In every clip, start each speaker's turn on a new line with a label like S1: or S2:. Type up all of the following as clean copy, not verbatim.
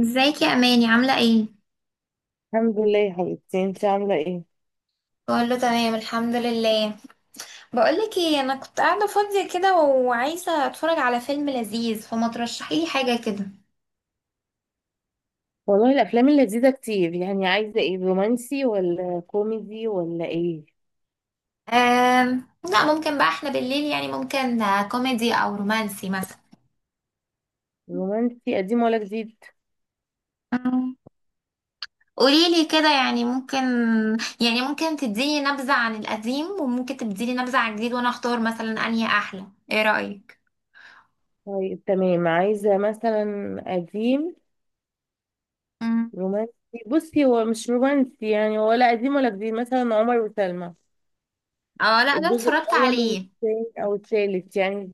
S1: ازيك يا اماني، عامله ايه؟
S2: الحمد لله يا حبيبتي، انت عامله ايه؟
S1: كله تمام، الحمد لله. بقولك ايه، انا كنت قاعده فاضيه كده وعايزه اتفرج على فيلم لذيذ، فما ترشحي لي حاجه كده؟
S2: والله الافلام اللذيذه كتير، يعني عايزه ايه؟ رومانسي ولا كوميدي ولا ايه؟
S1: لا ممكن بقى، احنا بالليل يعني ممكن كوميدي او رومانسي مثلا.
S2: رومانسي قديم ولا جديد؟
S1: أم، قوليلي كده، يعني ممكن يعني ممكن تديني نبذه عن القديم وممكن تديني نبذه عن الجديد وانا اختار مثلا انهي احلى؟ ايه رايك؟
S2: طيب تمام، عايزه مثلا قديم
S1: مم.
S2: رومانسي. بصي، هو مش رومانسي يعني ولا قديم ولا جديد، مثلا عمر وسلمى.
S1: اه، لا، ده
S2: الجزء
S1: اتفرجت
S2: الاول
S1: عليه.
S2: والثاني او الثالث يعني.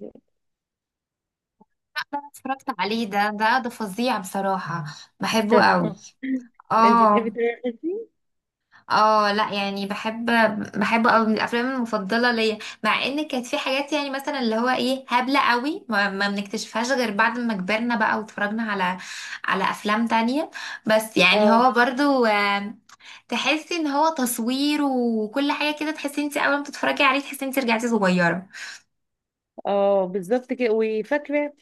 S1: انا اتفرجت عليه، ده فظيع بصراحة، بحبه قوي.
S2: انت بتحبي
S1: اه،
S2: تتفرجي؟
S1: اه، لا يعني بحب، بحب قوي، من الافلام المفضلة ليا. مع ان كانت في حاجات يعني مثلا اللي هو ايه، هبلة قوي، ما بنكتشفهاش غير بعد ما كبرنا بقى واتفرجنا على افلام تانية. بس يعني هو برضو، تحسي ان هو تصوير وكل حاجة كده، تحسي انت اول ما تتفرجي عليه تحسي انت رجعتي صغيرة.
S2: اه بالظبط كده، وفاكره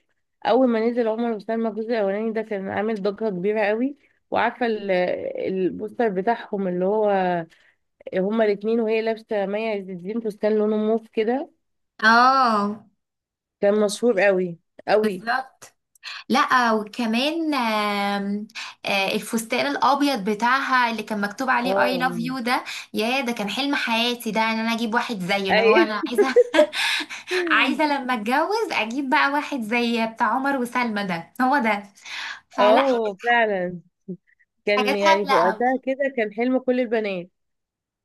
S2: اول ما نزل عمر وسلمى الجزء الاولاني، ده كان عامل ضجه كبيره قوي. وعارفه البوستر بتاعهم، اللي هو هما الاتنين، وهي لابسه مي عز الدين فستان لونه موف كده.
S1: اه،
S2: كان مشهور قوي قوي.
S1: بالظبط. لا، وكمان الفستان الابيض بتاعها اللي كان مكتوب عليه اي لاف
S2: اه،
S1: يو ده، يا ده كان حلم حياتي ده، ان انا اجيب واحد زيه، اللي هو
S2: اي.
S1: انا عايزه عايزه لما اتجوز اجيب بقى واحد زي بتاع عمر وسلمى، ده هو ده. فلا،
S2: اه فعلا، كان
S1: حاجات
S2: يعني في
S1: هبله قوي.
S2: وقتها كده كان حلم كل البنات.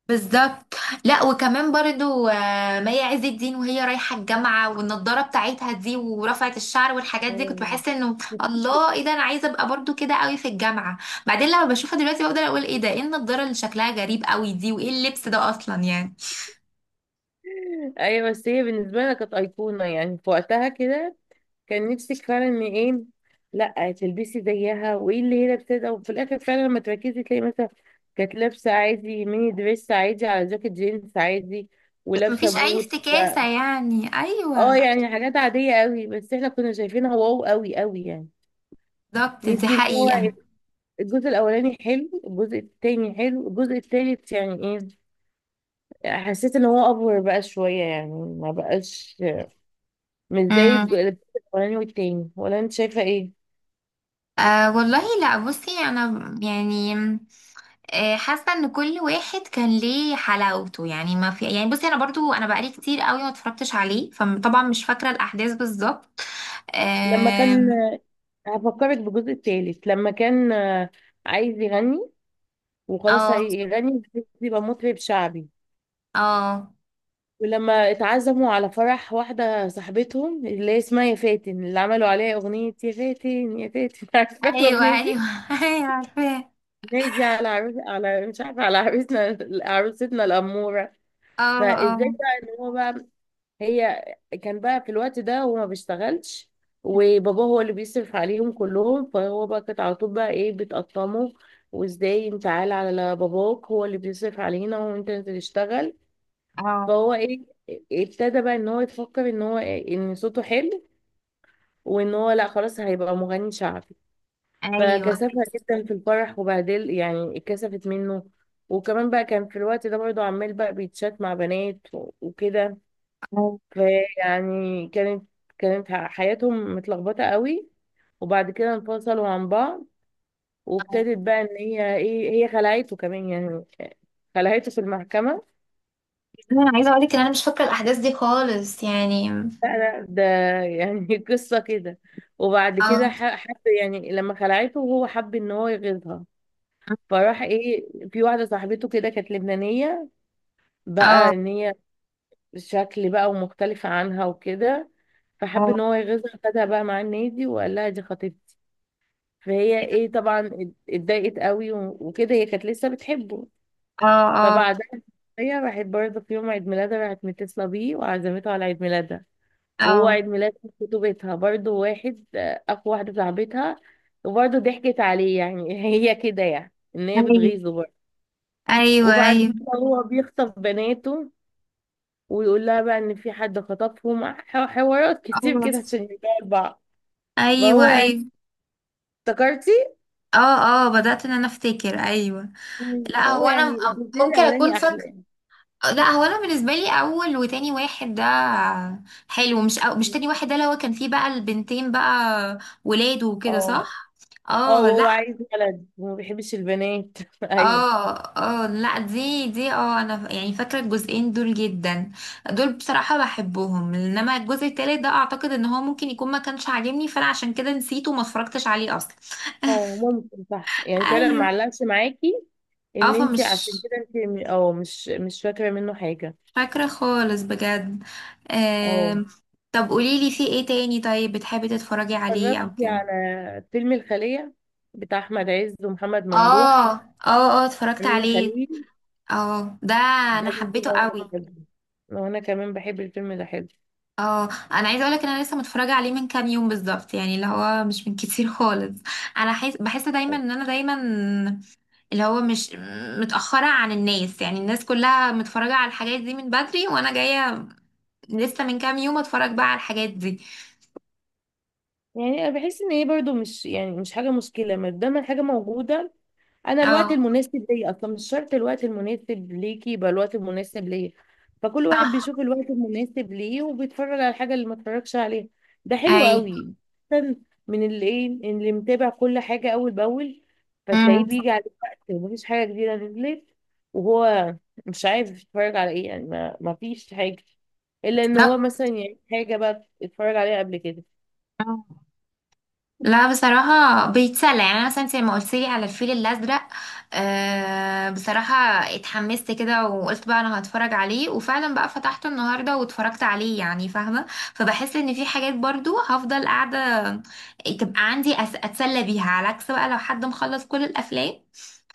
S1: بالظبط. لا، وكمان برضو مي عز الدين وهي رايحة الجامعة، والنضارة بتاعتها دي، ورفعت الشعر والحاجات دي، كنت
S2: اه.
S1: بحس انه الله، ايه ده، انا عايزة ابقى برضو كده قوي في الجامعة. بعدين لما بشوفها دلوقتي بقدر اقول ايه ده، ايه النضارة اللي شكلها غريب قوي دي، وايه اللبس ده اصلا يعني،
S2: ايوه بس هي بالنسبه لنا كانت ايقونه يعني في وقتها كده. كان نفسك فعلا ان ايه، لا تلبسي زيها وايه اللي هي لابساه. وفي الاخر فعلا لما تركزي تلاقي مثلا كانت لابسه عادي ميني دريس عادي على جاكيت جينز عادي ولابسه
S1: مفيش اي
S2: بوت.
S1: افتكاسة يعني.
S2: اه
S1: ايوه،
S2: يعني حاجات عاديه قوي، بس احنا كنا شايفينها واو، قوي قوي يعني.
S1: بالظبط، دي
S2: يمكن هو
S1: حقيقة.
S2: الجزء الاولاني حلو، الجزء التاني حلو، الجزء التالت يعني ايه؟ حسيت ان هو افور بقى شويه يعني، ما بقاش مش زي
S1: امم
S2: الجزء الاولاني والتاني. ولا انت شايفه ايه؟
S1: والله لا، بصي انا يعني حاسه ان كل واحد كان ليه حلاوته يعني، ما في يعني، بصي انا برضو، انا بقالي كتير قوي ما اتفرجتش عليه، فطبعا مش فاكره الاحداث بالظبط.
S2: لما كان،
S1: آم،
S2: هفكرك بالجزء التالت لما كان عايز يغني وخلاص
S1: اه،
S2: هيغني بس يبقى مطرب شعبي.
S1: اه،
S2: ولما اتعزموا على فرح واحدة صاحبتهم اللي هي اسمها يا فاتن، اللي عملوا عليها أغنية يا فاتن يا فاتن. عارفة
S1: ايوه،
S2: الأغنية دي؟
S1: ايوه، ايوه، عارفاه.
S2: الناس دي على عروس، على مش عارفة، على عروسنا عروستنا الأمورة.
S1: اه، اه،
S2: فازاي بقى ان هو بقى، هي كان بقى في الوقت ده هو ما بيشتغلش. وبابا هو اللي بيصرف عليهم كلهم، فهو بقى كانت على طول بقى ايه بتقطمه. وازاي انت عال على باباك، هو اللي بيصرف علينا وانت اللي تشتغل.
S1: اه،
S2: فهو ايه، ابتدى بقى ان هو يفكر ان هو إيه، ان صوته حلو. وان هو لا خلاص هيبقى مغني شعبي.
S1: ايوه،
S2: فكسفها جدا في الفرح وبهدل، يعني اتكسفت منه. وكمان بقى كان في الوقت ده برضه عمال بقى بيتشات مع بنات وكده.
S1: آه.
S2: فيعني كانت حياتهم متلخبطة قوي. وبعد كده انفصلوا عن بعض. وابتدت بقى ان هي ايه، هي خلعته كمان يعني. خلعته في المحكمة.
S1: انا عايزه اقول لك ان انا مش فاكره الاحداث دي خالص يعني.
S2: لا، لا، ده يعني قصة كده. وبعد
S1: اه،
S2: كده حب يعني، لما خلعته هو حب ان هو يغيظها. فراح ايه، في واحدة صاحبته كده كانت لبنانية. بقى
S1: اه،
S2: ان هي شكل بقى ومختلفة عنها وكده. فحب ان
S1: اه،
S2: هو يغيظها، خدها بقى مع النادي وقال لها دي خطيبتي. فهي ايه، طبعا اتضايقت قوي وكده، هي كانت لسه بتحبه.
S1: اه، اه،
S2: فبعدها هي راحت برضه في يوم عيد ميلادها، راحت متصلة بيه وعزمته على عيد ميلادها. وهو
S1: اه،
S2: عيد ميلاد خطوبتها برضه واحد، أقوى واحدة صاحبتها. وبرضه ضحكت عليه يعني. هي كده يعني إن هي
S1: ايوه،
S2: بتغيظه برضه.
S1: ايوه،
S2: وبعد
S1: ايوه،
S2: كده هو بيخطف بناته. ويقول لها بقى إن في حد خطفهم، حوارات كتير
S1: اه،
S2: كده عشان يرجعوا لبعض.
S1: ايوه، ايوه.
S2: فهو يعني افتكرتي؟
S1: اه، اه، بدأت ان انا افتكر، ايوه.
S2: مم.
S1: لا،
S2: فهو
S1: هو انا
S2: يعني الجزء
S1: ممكن اكون
S2: الأولاني أحلى
S1: فاكر.
S2: يعني.
S1: لا، هو انا بالنسبه لي اول وتاني واحد ده حلو، مش، أو مش تاني واحد ده اللي هو كان فيه بقى البنتين بقى ولاد وكده،
S2: اه،
S1: صح؟
S2: اه،
S1: اه، لا،
S2: وهو عايز ولد وما بيحبش البنات. ايوه.
S1: اه، اه، لا، دي، اه، انا يعني فاكره الجزئين دول جدا، دول بصراحه بحبهم، انما الجزء التالت ده اعتقد ان هو ممكن يكون ما كانش عاجبني، فانا عشان كده نسيته وما اتفرجتش عليه اصلا.
S2: اه ممكن صح يعني كده ما
S1: ايوه،
S2: علقش معاكي،
S1: اه،
S2: ان انت
S1: فمش
S2: عشان كده انت مش فاكره منه حاجه.
S1: فاكرة خالص بجد.
S2: اه،
S1: آم، طب قوليلي في ايه تاني، طيب بتحبي تتفرجي عليه او
S2: اتفرجتي
S1: كده؟
S2: على فيلم الخليه بتاع احمد عز ومحمد ممدوح،
S1: اه، اه، اه، اتفرجت
S2: امينه
S1: عليه.
S2: خليل؟
S1: اه، ده
S2: ده
S1: انا
S2: الفيلم
S1: حبيته
S2: ده انا
S1: قوي.
S2: بحبه. وانا كمان بحب الفيلم ده، حلو.
S1: اه، انا عايزه اقولك ان انا لسه متفرجه عليه من كام يوم بالظبط، يعني اللي هو مش من كتير خالص. انا بحس دايما ان انا دايما اللي هو مش متاخره عن الناس، يعني الناس كلها متفرجه على الحاجات دي من بدري، وانا جايه لسه من كام يوم اتفرج بقى على الحاجات دي.
S2: يعني انا بحس ان هي برضو مش يعني مش حاجه مشكله، ما دام الحاجه موجوده. انا الوقت
S1: اه،
S2: المناسب ليا اصلا مش شرط الوقت المناسب ليكي يبقى الوقت المناسب ليا. فكل واحد
S1: صح،
S2: بيشوف الوقت المناسب ليه وبيتفرج على الحاجه اللي ما اتفرجش عليها. ده حلو قوي، أحسن من اللي ايه اللي متابع كل حاجه اول باول.
S1: اي،
S2: فتلاقيه بيجي على وقت ومفيش حاجه جديده نزلت. وهو مش عارف يتفرج على ايه يعني، ما فيش حاجه الا ان هو
S1: بالظبط،
S2: مثلا يعني حاجه بقى اتفرج عليها قبل كده.
S1: آه. لا بصراحة بيتسلى يعني، أنا مثلا أنت لما قلت لي على الفيل الأزرق بصراحة اتحمست كده، وقلت بقى أنا هتفرج عليه، وفعلا بقى فتحته النهاردة واتفرجت عليه يعني، فاهمة؟ فبحس إن في حاجات برضو هفضل قاعدة تبقى عندي، أتسلى بيها، على عكس بقى لو حد مخلص كل الأفلام،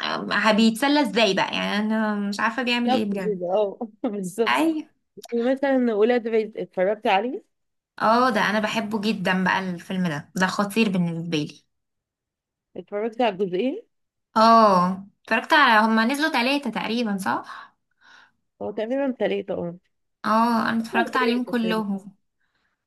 S1: بيتسلى إزاي بقى؟ يعني أنا مش عارفة بيعمل إيه
S2: بالظبط
S1: بجد.
S2: كده اه. بالظبط.
S1: أيوة.
S2: يعني مثلا ولاد رزق، اتفرجت عليه؟
S1: اه، ده أنا بحبه جدا بقى الفيلم ده خطير بالنسبة لي.
S2: اتفرجت على الجزئين.
S1: اه، اتفرجت على، هما نزلوا ثلاثة تقريبا، صح؟
S2: هو تقريبا ثلاثة اه.
S1: اه، انا
S2: هو
S1: اتفرجت عليهم
S2: ثلاثة تقريبا.
S1: كلهم.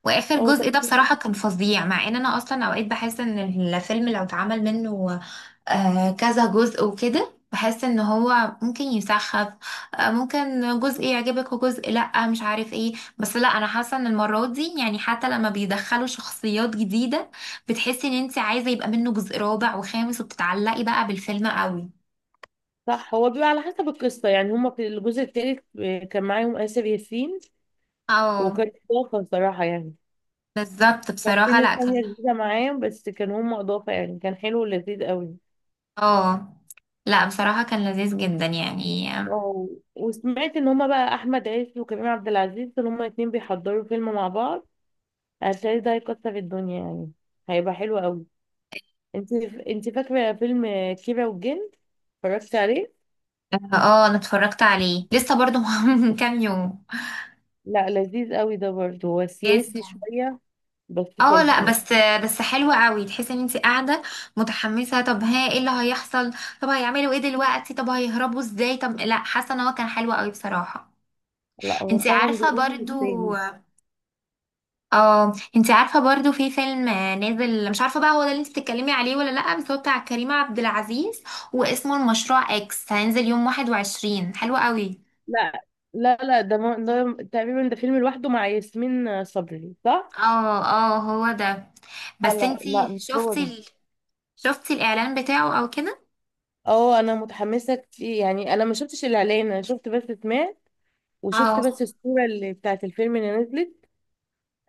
S1: واخر
S2: هو
S1: جزء ده
S2: تقريبا
S1: بصراحة كان فظيع، مع ان انا اصلا اوقات بحس ان الفيلم لو اتعمل منه كذا جزء وكده، بحس ان هو ممكن يسخف، ممكن جزء يعجبك وجزء لا مش عارف ايه. بس لا، انا حاسة ان المرة دي يعني حتى لما بيدخلوا شخصيات جديدة بتحسي ان انت عايزة يبقى منه جزء رابع وخامس، وبتتعلقي بقى بالفيلم قوي.
S2: صح. هو بيبقى على حسب القصة، يعني هما في الجزء الثالث كان معاهم آسر ياسين.
S1: اه،
S2: وكانت إضافة الصراحة يعني.
S1: بالظبط، بصراحة
S2: كابتن
S1: لا كان،
S2: الثانية جديدة معاهم، بس كان هما إضافة يعني، كان حلو ولذيذ قوي.
S1: اه لا، بصراحة كان لذيذ جدا يعني.
S2: اه، وسمعت إن هما بقى أحمد عز وكريم عبد العزيز إن هما الاتنين بيحضروا فيلم مع بعض. هتلاقي ده هيكسر الدنيا يعني. هيبقى حلو قوي. انت انت فاكرة فيلم كيرة والجن، اتفرجت عليه؟
S1: اه، انا اتفرجت عليه لسه برضو من كام يوم.
S2: لا لذيذ قوي ده برضه، هو
S1: يس.
S2: سياسي شوية. بس
S1: اه،
S2: حلو
S1: لا
S2: يعني.
S1: بس، بس حلوة قوي، تحسي ان انت قاعدة متحمسة، طب ها ايه اللي هيحصل؟ طب هيعملوا ايه دلوقتي؟ طب هيهربوا ازاي؟ طب لا، حاسة ان هو كان حلو قوي بصراحة.
S2: لا هو
S1: انت
S2: فعلا
S1: عارفة
S2: جميل
S1: برضو،
S2: التاني.
S1: اه انت عارفه برضو، في فيلم نازل مش عارفه بقى هو ده اللي انت بتتكلمي عليه ولا لا، بس هو بتاع كريم عبد العزيز، واسمه المشروع اكس، هينزل يوم 21، حلو قوي.
S2: لا، لا، لا، ده تقريبا ده فيلم لوحده مع ياسمين صبري، صح؟
S1: اه، اه، هو ده،
S2: لا،
S1: بس
S2: لا،
S1: انت
S2: لا، مش هو
S1: شفتي
S2: ده.
S1: شفتي الاعلان بتاعه او كده؟
S2: اه انا متحمسة كتير، يعني انا ما شفتش الاعلان، انا شفت بس سمعت. وشفت
S1: اه،
S2: بس الصورة اللي بتاعت الفيلم اللي نزلت.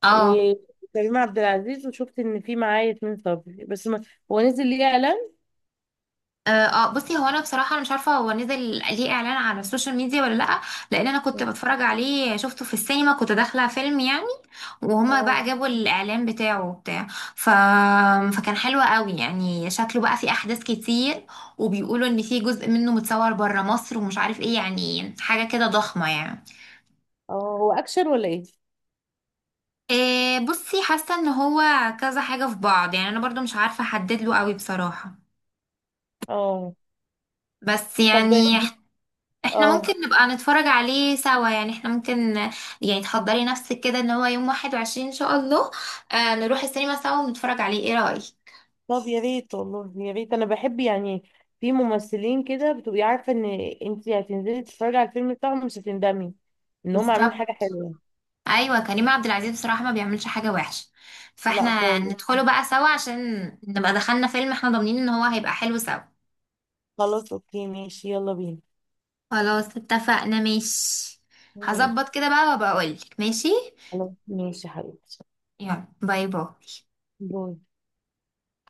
S1: اه،
S2: وكريم عبد العزيز وشفت ان في معاه ياسمين صبري بس ما... هو نزل ليه اعلان؟
S1: اه، بصي هو انا بصراحه انا مش عارفه هو نزل ليه اعلان على السوشيال ميديا ولا لا، لان انا كنت بتفرج عليه، شفته في السينما، كنت داخله فيلم يعني، وهما بقى
S2: اه،
S1: جابوا الاعلان بتاعه وبتاع، ف... فكان حلو قوي يعني، شكله بقى فيه احداث كتير، وبيقولوا ان في جزء منه متصور بره مصر ومش عارف ايه، يعني حاجه كده ضخمه يعني.
S2: اه، هو اكشن ولا ايه؟
S1: إيه بصي، حاسه ان هو كذا حاجه في بعض يعني، انا برضو مش عارفه احدد له قوي بصراحه،
S2: اه
S1: بس
S2: طب،
S1: يعني احنا
S2: اه
S1: ممكن نبقى نتفرج عليه سوا، يعني احنا ممكن يعني تحضري نفسك كده، ان هو يوم 21 ان شاء الله نروح السينما سوا ونتفرج عليه، ايه رأيك؟
S2: طب، يا ريت والله يا ريت، انا بحب يعني. في ممثلين كده بتبقي عارفه ان انت هتنزلي تتفرجي على الفيلم بتاعهم مش هتندمي. ان هم عاملين حاجه
S1: بالظبط،
S2: حلوه.
S1: ايوه كريم عبد العزيز بصراحة ما بيعملش حاجة وحشة،
S2: لا
S1: فاحنا
S2: خالص.
S1: ندخله بقى سوا عشان نبقى دخلنا فيلم احنا ضامنين ان هو هيبقى حلو سوا.
S2: خلاص اوكي ماشي، يلا بينا.
S1: خلاص اتفقنا، ماشي.
S2: ماشي.
S1: هظبط كده بقى وابقى اقولك، ماشي.
S2: خلاص ماشي يا حبيبتي.
S1: يلا، باي باي.
S2: باي.